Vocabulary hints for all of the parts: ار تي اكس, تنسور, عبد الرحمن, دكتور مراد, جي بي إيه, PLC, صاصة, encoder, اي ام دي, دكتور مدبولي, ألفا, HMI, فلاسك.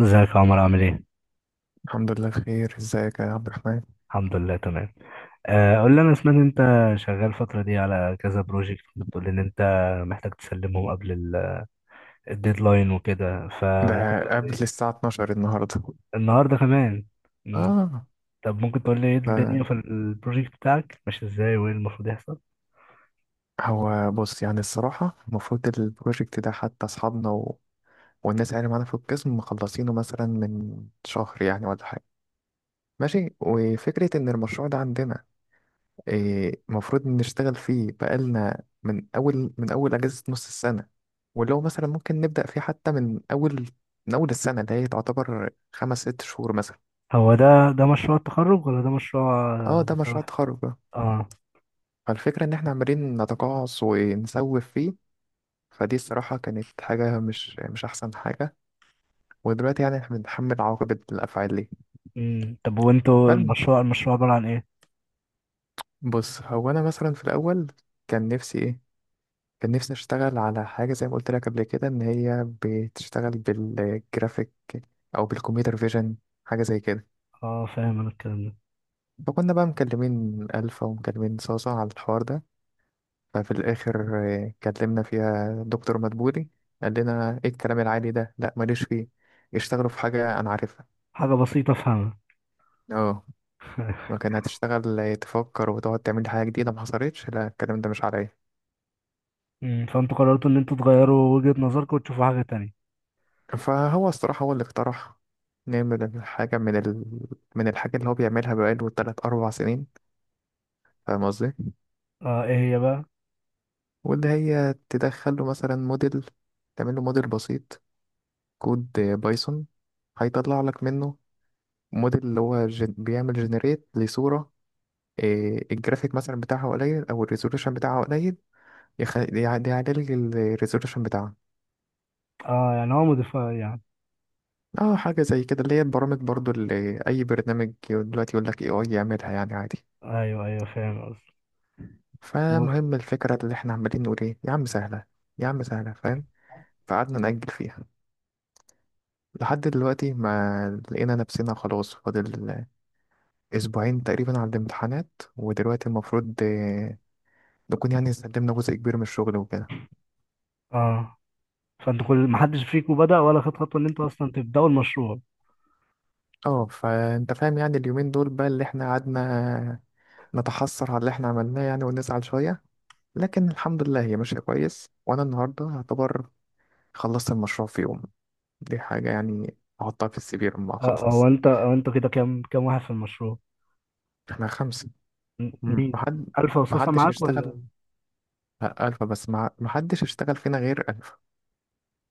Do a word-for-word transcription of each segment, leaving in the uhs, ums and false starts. ازيك يا عمر عامل ايه؟ الحمد لله بخير. ازيك يا عبد الرحمن؟ الحمد لله تمام. آه، قول لي انا سمعت إن انت شغال الفترة دي على كذا بروجكت بتقول لي ان انت محتاج تسلمهم قبل ال- الديدلاين وكده فممكن ده تقول قبل لي الساعة اتناشر النهاردة. النهارده كمان. مم. اه. طب ممكن تقول لي ايه الدنيا ف- في البروجكت بتاعك ماشي ازاي وايه المفروض يحصل؟ هو بص، يعني الصراحة المفروض البروجكت ده حتى أصحابنا و... والناس اللي معانا في القسم مخلصينه مثلا من شهر يعني، ولا حاجة ماشي. وفكرة إن المشروع ده عندنا إيه، المفروض نشتغل فيه بقالنا من أول، من أول أجازة نص السنة. ولو مثلا ممكن نبدأ فيه حتى من أول، من أول السنة اللي هي تعتبر خمس ست شهور مثلا. هو ده ده مشروع التخرج ولا ده مشروع اه، ده مشروع تبع- تخرج. اه. فالفكرة إن إحنا عمالين نتقاعس ونسوف فيه، فدي الصراحة كانت حاجة مش مش أحسن حاجة، ودلوقتي يعني إحنا بنتحمل عواقب الأفعال دي. مم. طب وانتوا فالم المشروع المشروع عبارة عن ايه؟ بص، هو أنا مثلا في الأول كان نفسي إيه، كان نفسي أشتغل على حاجة زي ما قلت لك قبل كده، إن هي بتشتغل بالجرافيك أو بالكمبيوتر فيجن، حاجة زي كده. اه، فاهم انا الكلام ده. فكنا بقى مكلمين ألفا ومكلمين صاصة على الحوار ده. ففي الآخر آه، كلمنا فيها دكتور مدبولي، قال لنا ايه الكلام العالي ده؟ لا ماليش فيه، اشتغلوا في حاجة أنا عارفها. حاجة بسيطة افهمها. اه. لكن هتشتغل تفكر وتقعد تعمل لي حاجة جديدة ما حصلتش، لا الكلام ده مش عليا. مم. فانتوا قررتوا ان انتوا تغيروا وجهة نظركم وتشوفوا حاجة تانية. فهو الصراحة هو اللي اقترح نعمل الحاجة من ال... من الحاجة اللي هو بيعملها بقاله تلات أربع سنين. فاهم قصدي؟ اه، ايه هي بقى. واللي هي تدخله مثلا موديل، تعمل له موديل بسيط، كود بايثون، هيطلع لك منه موديل اللي هو جن... بيعمل جنريت لصورة إيه، الجرافيك مثلا بتاعها قليل او الريزولوشن بتاعها قليل، يخ... يعد- يعدل الريزولوشن بتاعها. اه يعني هو مدفع يعني. اه، حاجه زي كده، اللي هي البرامج برضو، اللي اي برنامج دلوقتي يقول لك اي اي يعملها يعني عادي. ايوه، ايوه، فاهم قصدي و فمهم الفكره اللي احنا عمالين نقول ايه، يا عم سهله، يا عم سهله، فاهم. فقعدنا نأجل فيها لحد دلوقتي ما لقينا نفسنا خلاص، فاضل اسبوعين تقريبا على الامتحانات ودلوقتي المفروض آه، نكون يعني سلمنا جزء كبير من الشغل وكده. اه، فانتوا كل ما حدش فيكم بدأ ولا خد خطوة ان انتوا اصلا تبدأوا المشروع. اه، فانت فاهم يعني، اليومين دول بقى اللي احنا قعدنا نتحسر على اللي احنا عملناه يعني، ونزعل شوية. لكن الحمد لله هي ماشية كويس، وانا النهاردة يعتبر خلصت المشروع في يوم، دي حاجة يعني احطها في السي في لما آه هو اخلص. انت هو انتوا كده كام كام واحد في المشروع؟ احنا خمسة. م- م- مين؟ محد ألفا وصاصة محدش معاك ولا اشتغل. لا، ألفا بس مع... محدش اشتغل فينا غير ألفا،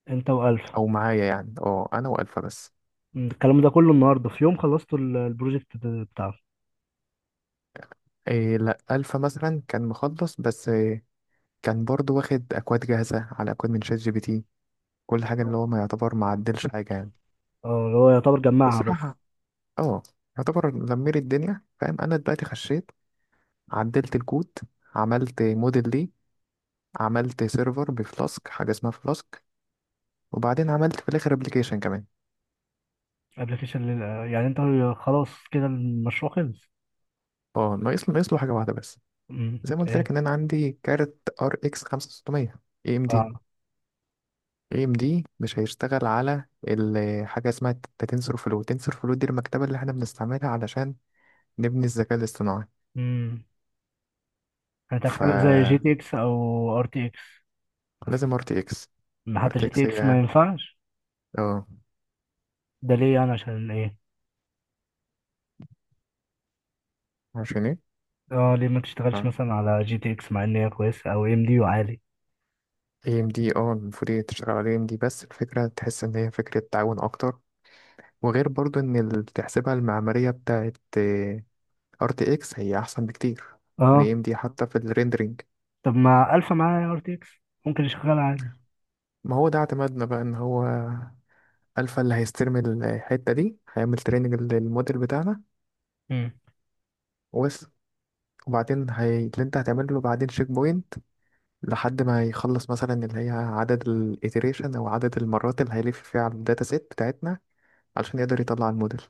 انت وألفا؟ أو معايا يعني. اه، أنا وألفا بس. مم، الكلام ده كله النهارده في يوم خلصتوا ال- البروجكت ده- بتاعه؟ إيه لا، ألفا مثلا كان مخلص، بس إيه، كان برضو واخد أكواد جاهزة، على أكواد من شات جي بي تي، كل حاجة، اللي اه. هو ما يعتبر ما عدلش حاجة يعني. آه، اللي هو يعتبر جمعها بس. بصراحة اه، يعتبر لمير الدنيا. فاهم انا دلوقتي خشيت، عدلت الكود، عملت موديل ليه، عملت سيرفر بفلاسك، حاجة اسمها فلاسك، وبعدين عملت في الاخر ابلكيشن كمان. ابلكيشن يعني انت خلاص كده المشروع خلص؟ اه، ناقص ناقص له حاجة واحدة بس. مم، زي ما قلت ايه؟ لك ان انا عندي كارت ار اكس خمسة ستمية اي ام دي. اه. اي ام دي مش هيشتغل على ال- حاجة اسمها تنسور فلو. تنسور فلو دي المكتبة اللي احنا بنستعملها علشان نبني الذكاء الاصطناعي. مم. هتدخله زي جي فلازم تي اكس او ار تي اكس بس؟ ار تي اكس. ما حتى جي تي ارتكس اكس ما ايه، ينفعش؟ اه. ده ليه، يعني عشان ايه؟ عشان ايه؟ اه، ليه ما تشتغلش اه. مثلا على جي تي اكس مع ان هي كويسه، او ام دي وعالي؟ اي ام دي، اه المفروض هي تشتغل على اي ام دي، بس الفكرة تحس ان هي فكرة تعاون اكتر. وغير برضو ان اللي تحسبها، المعمارية بتاعت ار تي اكس هي احسن بكتير من اه. اي ام دي حتى في الريندرينج. طب ما الفا معايا ار تي اكس، ممكن يشغل عادي. ما هو ده اعتمادنا بقى، ان هو الفا اللي هيستلم الحتة دي، هيعمل تريننج للموديل بتاعنا. مم. وبس. وبعدين هي... اللي انت هتعمل له بعدين تشيك بوينت، لحد ما يخلص مثلا اللي هي عدد الايتريشن، او عدد المرات اللي هيلف فيها على الداتا سيت بتاعتنا، علشان يقدر يطلع الموديل.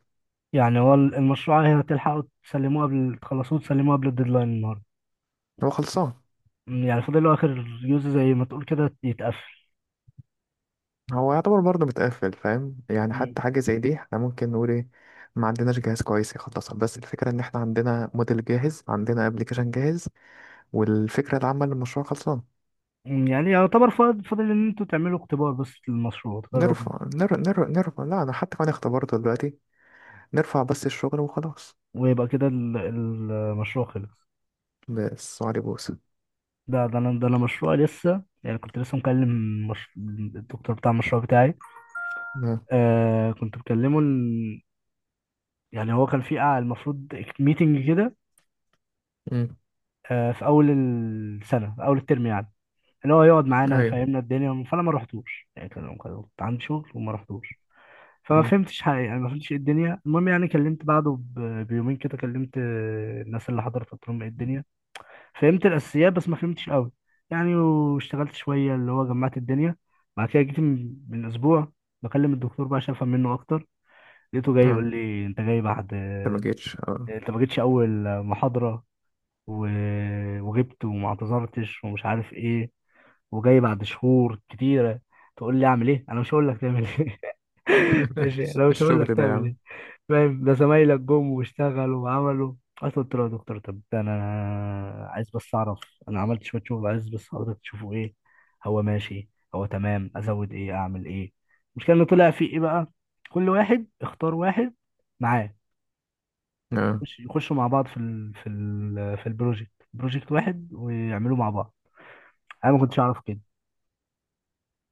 يعني هو ال- المشروع هي هتلحقوا تسلموه قبل تخلصوه تسلموه قبل الديدلاين النهارده؟ هو خلصان. مم، يعني فاضل له اخر يوز زي ما تقول كده، يتقفل. هو يعتبر برضه متقفل، فاهم يعني، مم. حتى حاجة زي دي احنا ممكن نقول ايه ما عندناش جهاز كويس يخلصها. بس الفكرة ان احنا عندنا موديل جاهز، عندنا ابلكيشن جاهز، والفكرة العامة للمشروع خلصان. مم، يعني يعتبر فاضل فاضل ان انتوا تعملوا اختبار بس للمشروع، تجربوا، نرفع، نرفع، نرفع، نرفع. لا انا حتى كمان اختبرته دلوقتي، نرفع بس الشغل وخلاص. ويبقى كده ال- المشروع خلص. بس وعلي بوس. ده ده انا ده انا مشروع لسه، يعني كنت لسه مكلم، مش... الدكتور بتاع المشروع بتاعي. ما- آه كنت بكلمه ال... يعني هو كان في قاعة، المفروض ميتنج كده، مم. آه في اول السنة في اول الترم يعني، اللي هو يقعد معانا ايوه. يفهمنا الدنيا. فانا ما رحتوش، يعني كان كان- كنت عندي شغل وما رحتوش. فما مم. فهمتش حقيقة، يعني ما فهمتش ايه الدنيا. المهم يعني كلمت بعده ب- بيومين كده، كلمت آه، الناس اللي حضرت، قلت لهم ايه الدنيا. فهمت الاساسيات بس ما فهمتش قوي، يعني، واشتغلت شويه اللي هو جمعت الدنيا. بعد كده جيت من من اسبوع بكلم الدكتور بقى عشان افهم منه اكتر. لقيته جاي يقول مم. لي انت جاي بعد، انت ما جيتش؟ اه. انت ما جيتش اول محاضره، و وغبت وما اعتذرتش ومش عارف ايه، وجاي بعد شهور كتيره تقول لي اعمل ايه، انا مش هقول لك تعمل ايه. ماشي، انا مش هقول لك الشغل ده يا تعمل عم. ايه، فاهم؟ ده زمايلك جم واشتغلوا وعملوا. قلت قلت له يا دكتور، طب ده انا أنا عايز بس اعرف، انا عملت شويه شغل، عايز بس حضرتك تشوفه. ايه، هو ماشي؟ هو تمام؟ ازود ايه، اعمل ايه؟ المشكله ان طلع في ايه بقى، كل واحد اختار واحد معاه، اه. يخش- يخشوا مع بعض في ال في ال في البروجكت بروجكت واحد، ويعملوا مع بعض. انا ما كنتش اعرف كده،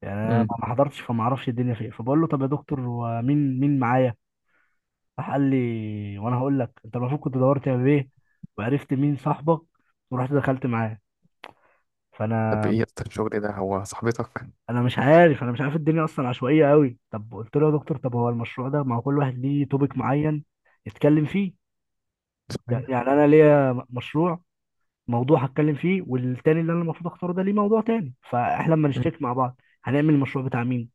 يعني انا ما مم. ما حضرتش، فما اعرفش الدنيا فيه. فبقول له طب يا دكتور، ومين مين معايا؟ راح قال لي، وانا هقول لك، انت المفروض كنت دورت يا بيه وعرفت مين صاحبك ورحت دخلت معاه. طب فانا، ايه يا اسطى، الشغل ده هو صاحبتك؟ انا مش عارف انا مش عارف الدنيا اصلا، عشوائيه قوي. طب قلت له يا دكتور، طب هو المشروع ده، ما هو كل واحد ليه توبيك معين يتكلم فيه، صحيح. يعني انا ليا مشروع، موضوع هتكلم فيه، والتاني اللي انا المفروض اختاره ده ليه موضوع تاني، فاحنا لما نشتكي مع بعض هنعمل المشروع بتاع مين؟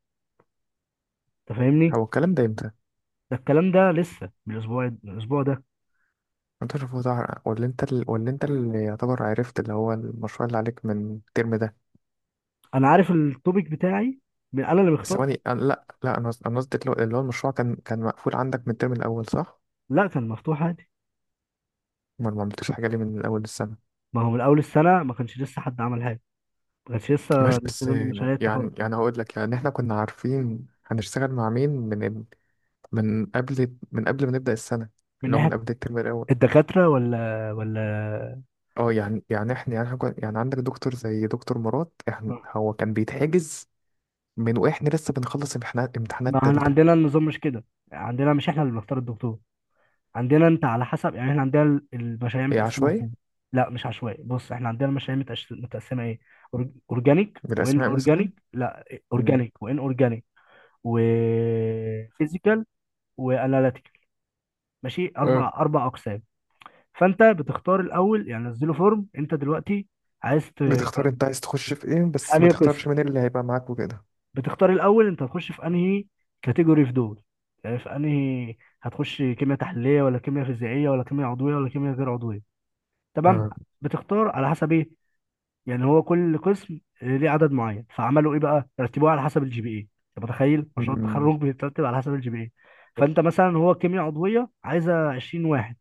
انت فاهمني. هو الكلام ده امتى؟ ده الكلام ده لسه من الاسبوع من الاسبوع ده. انت شوف ده، ولا انت ال... ولا انت اللي يعتبر عرفت اللي هو المشروع اللي عليك من الترم ده؟ انا عارف التوبيك بتاعي من انا اللي مختار. ثواني. أنا... لا، لا، انا قصد- انا قصدي اللي هو، اللي هو المشروع، كان كان مقفول عندك من الترم الاول صح؟ لا، كان مفتوح عادي. ما ما عملتوش حاجة ليه من اول السنة؟ ما هو من اول السنه ما كانش لسه حد عمل حاجه، ما كانش لسه ماشي، بس نزلوا لنا يعني، مشاريع التخرج يعني يعني هقول لك يعني احنا كنا عارفين هنشتغل مع مين من ال... من قبل، من قبل ما نبدأ السنة، من اللي هو من ناحيه قبل الترم الاول. الدكاتره ولا ولا. اه، يعني يعني احنا يعني, إحنا كنا- يعني عندك دكتور زي دكتور مراد، احنا هو كان بيتحجز من واحنا لسه بنخلص امتحانات، امتحانات ما احنا تالتة. عندنا النظام مش كده، عندنا مش احنا اللي بنختار الدكتور، عندنا انت على حسب، يعني احنا عندنا ال- المشاريع هي متقسمه عشوائي؟ ازاي. لا مش عشوائي، بص احنا عندنا المشاريع متقش- متقسمه ايه، أور- اورجانيك وان بالأسماء مثلا؟ اورجانيك، لا مم. اورجانيك وان اورجانيك وفيزيكال واناليتيكال، ماشي، اربع اه. اربع اقسام. فانت بتختار الاول، يعني نزله فورم انت دلوقتي عايز ت- بتختار أنت عايز تخش في إيه، في بس ما انهي قسم، تختارش مين اللي هيبقى معاك وكده. بتختار الاول انت هتخش في انهي كاتيجوري في دول، يعني في انهي هتخش، كيمياء تحليليه ولا كيمياء فيزيائيه ولا كيمياء عضويه ولا كيمياء غير عضويه، تمام؟ اه. بتختار على حسب ايه؟ يعني هو كل قسم ليه عدد معين، فعملوا ايه بقى، رتبوه على حسب الجي بي اي. انت متخيل، مشروع مم. التخرج بيترتب على حسب الجي بي اي. فانت مثلا هو كيمياء عضويه عايزه عشرين واحد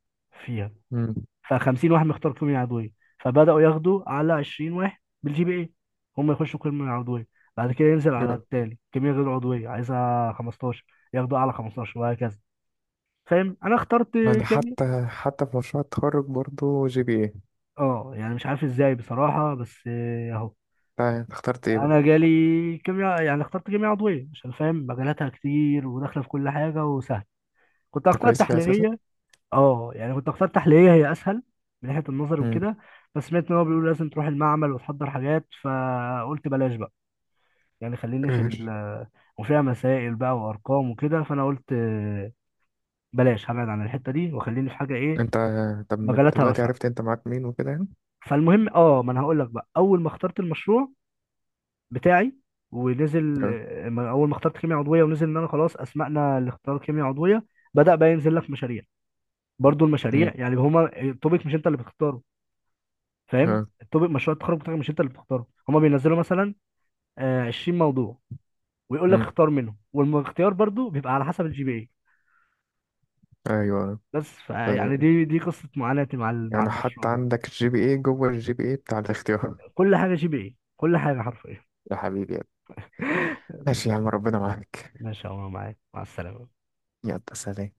فيها، مم. فخمسين واحد مختار قيم العضويه، فبداوا ياخدوا على عشرين واحد بالجي بي اي، هم يخشوا قيم العضويه. بعد كده ينزل على اه، التالي، كميه غير عضويه عايزها خمسة عشر، ياخدوا اعلى خمستاشر، وهكذا. فاهم، انا اخترت أنا كميه. حتى حتى في مشروع التخرج برضو جي بي إيه. اه يعني مش عارف ازاي بصراحه، بس اهو. أنت اخترت إيه بقى؟ انا جالي كيمياء، يعني اخترت كيمياء عضويه عشان فاهم مجالاتها كتير، وداخله في كل حاجه وسهل. كنت أنت هختار كويس فيها أساسا؟ تحليليه، اه يعني كنت اختار تحليليه، هي اسهل من ناحيه النظر مم. وكده، بس سمعت ان هو بيقول لازم تروح المعمل وتحضر حاجات، فقلت بلاش بقى، يعني خليني في ايش. ال آه، وفيها مسائل بقى وارقام وكده، فانا قلت بلاش، هبعد عن الحته دي وخليني في حاجه ايه، أنت طب من مجالاتها دلوقتي واسعه. عرفت أنت معاك مين وكده يعني؟ فالمهم اه ما انا هقول لك بقى، اول ما اخترت المشروع بتاعي ونزل، اه. آه، ما- اول ما اخترت كيمياء عضويه ونزل ان انا خلاص اسمعنا لاختيار كيمياء عضويه، بدأ بقى ينزل لك مشاريع، برضو مم. المشاريع يعني هما التوبيك مش انت اللي بتختاره. اه. فاهم، التوبيك، مشروع التخرج بتاعك مش انت اللي بتختاره، هما بينزلوا مثلا آه، عشرين موضوع، ويقول لك مم. اختار منهم، والاختيار برضو بيبقى على حسب الجي بي اي. أيوه. بس ف- ف- يعني دي دي قصة معاناتي مع ال- مع يعني المشروع حتى ده. عندك جي بي إيه جوه الجي بي إيه بتاع الاختيار. كل حاجة جي بي اي، كل حاجة حرفيا. يا حبيبي يلا. ماشي يا عم ماشي. ربنا معاك. ماشي يا عمر، معاك، مع السلامة. يلا سلام.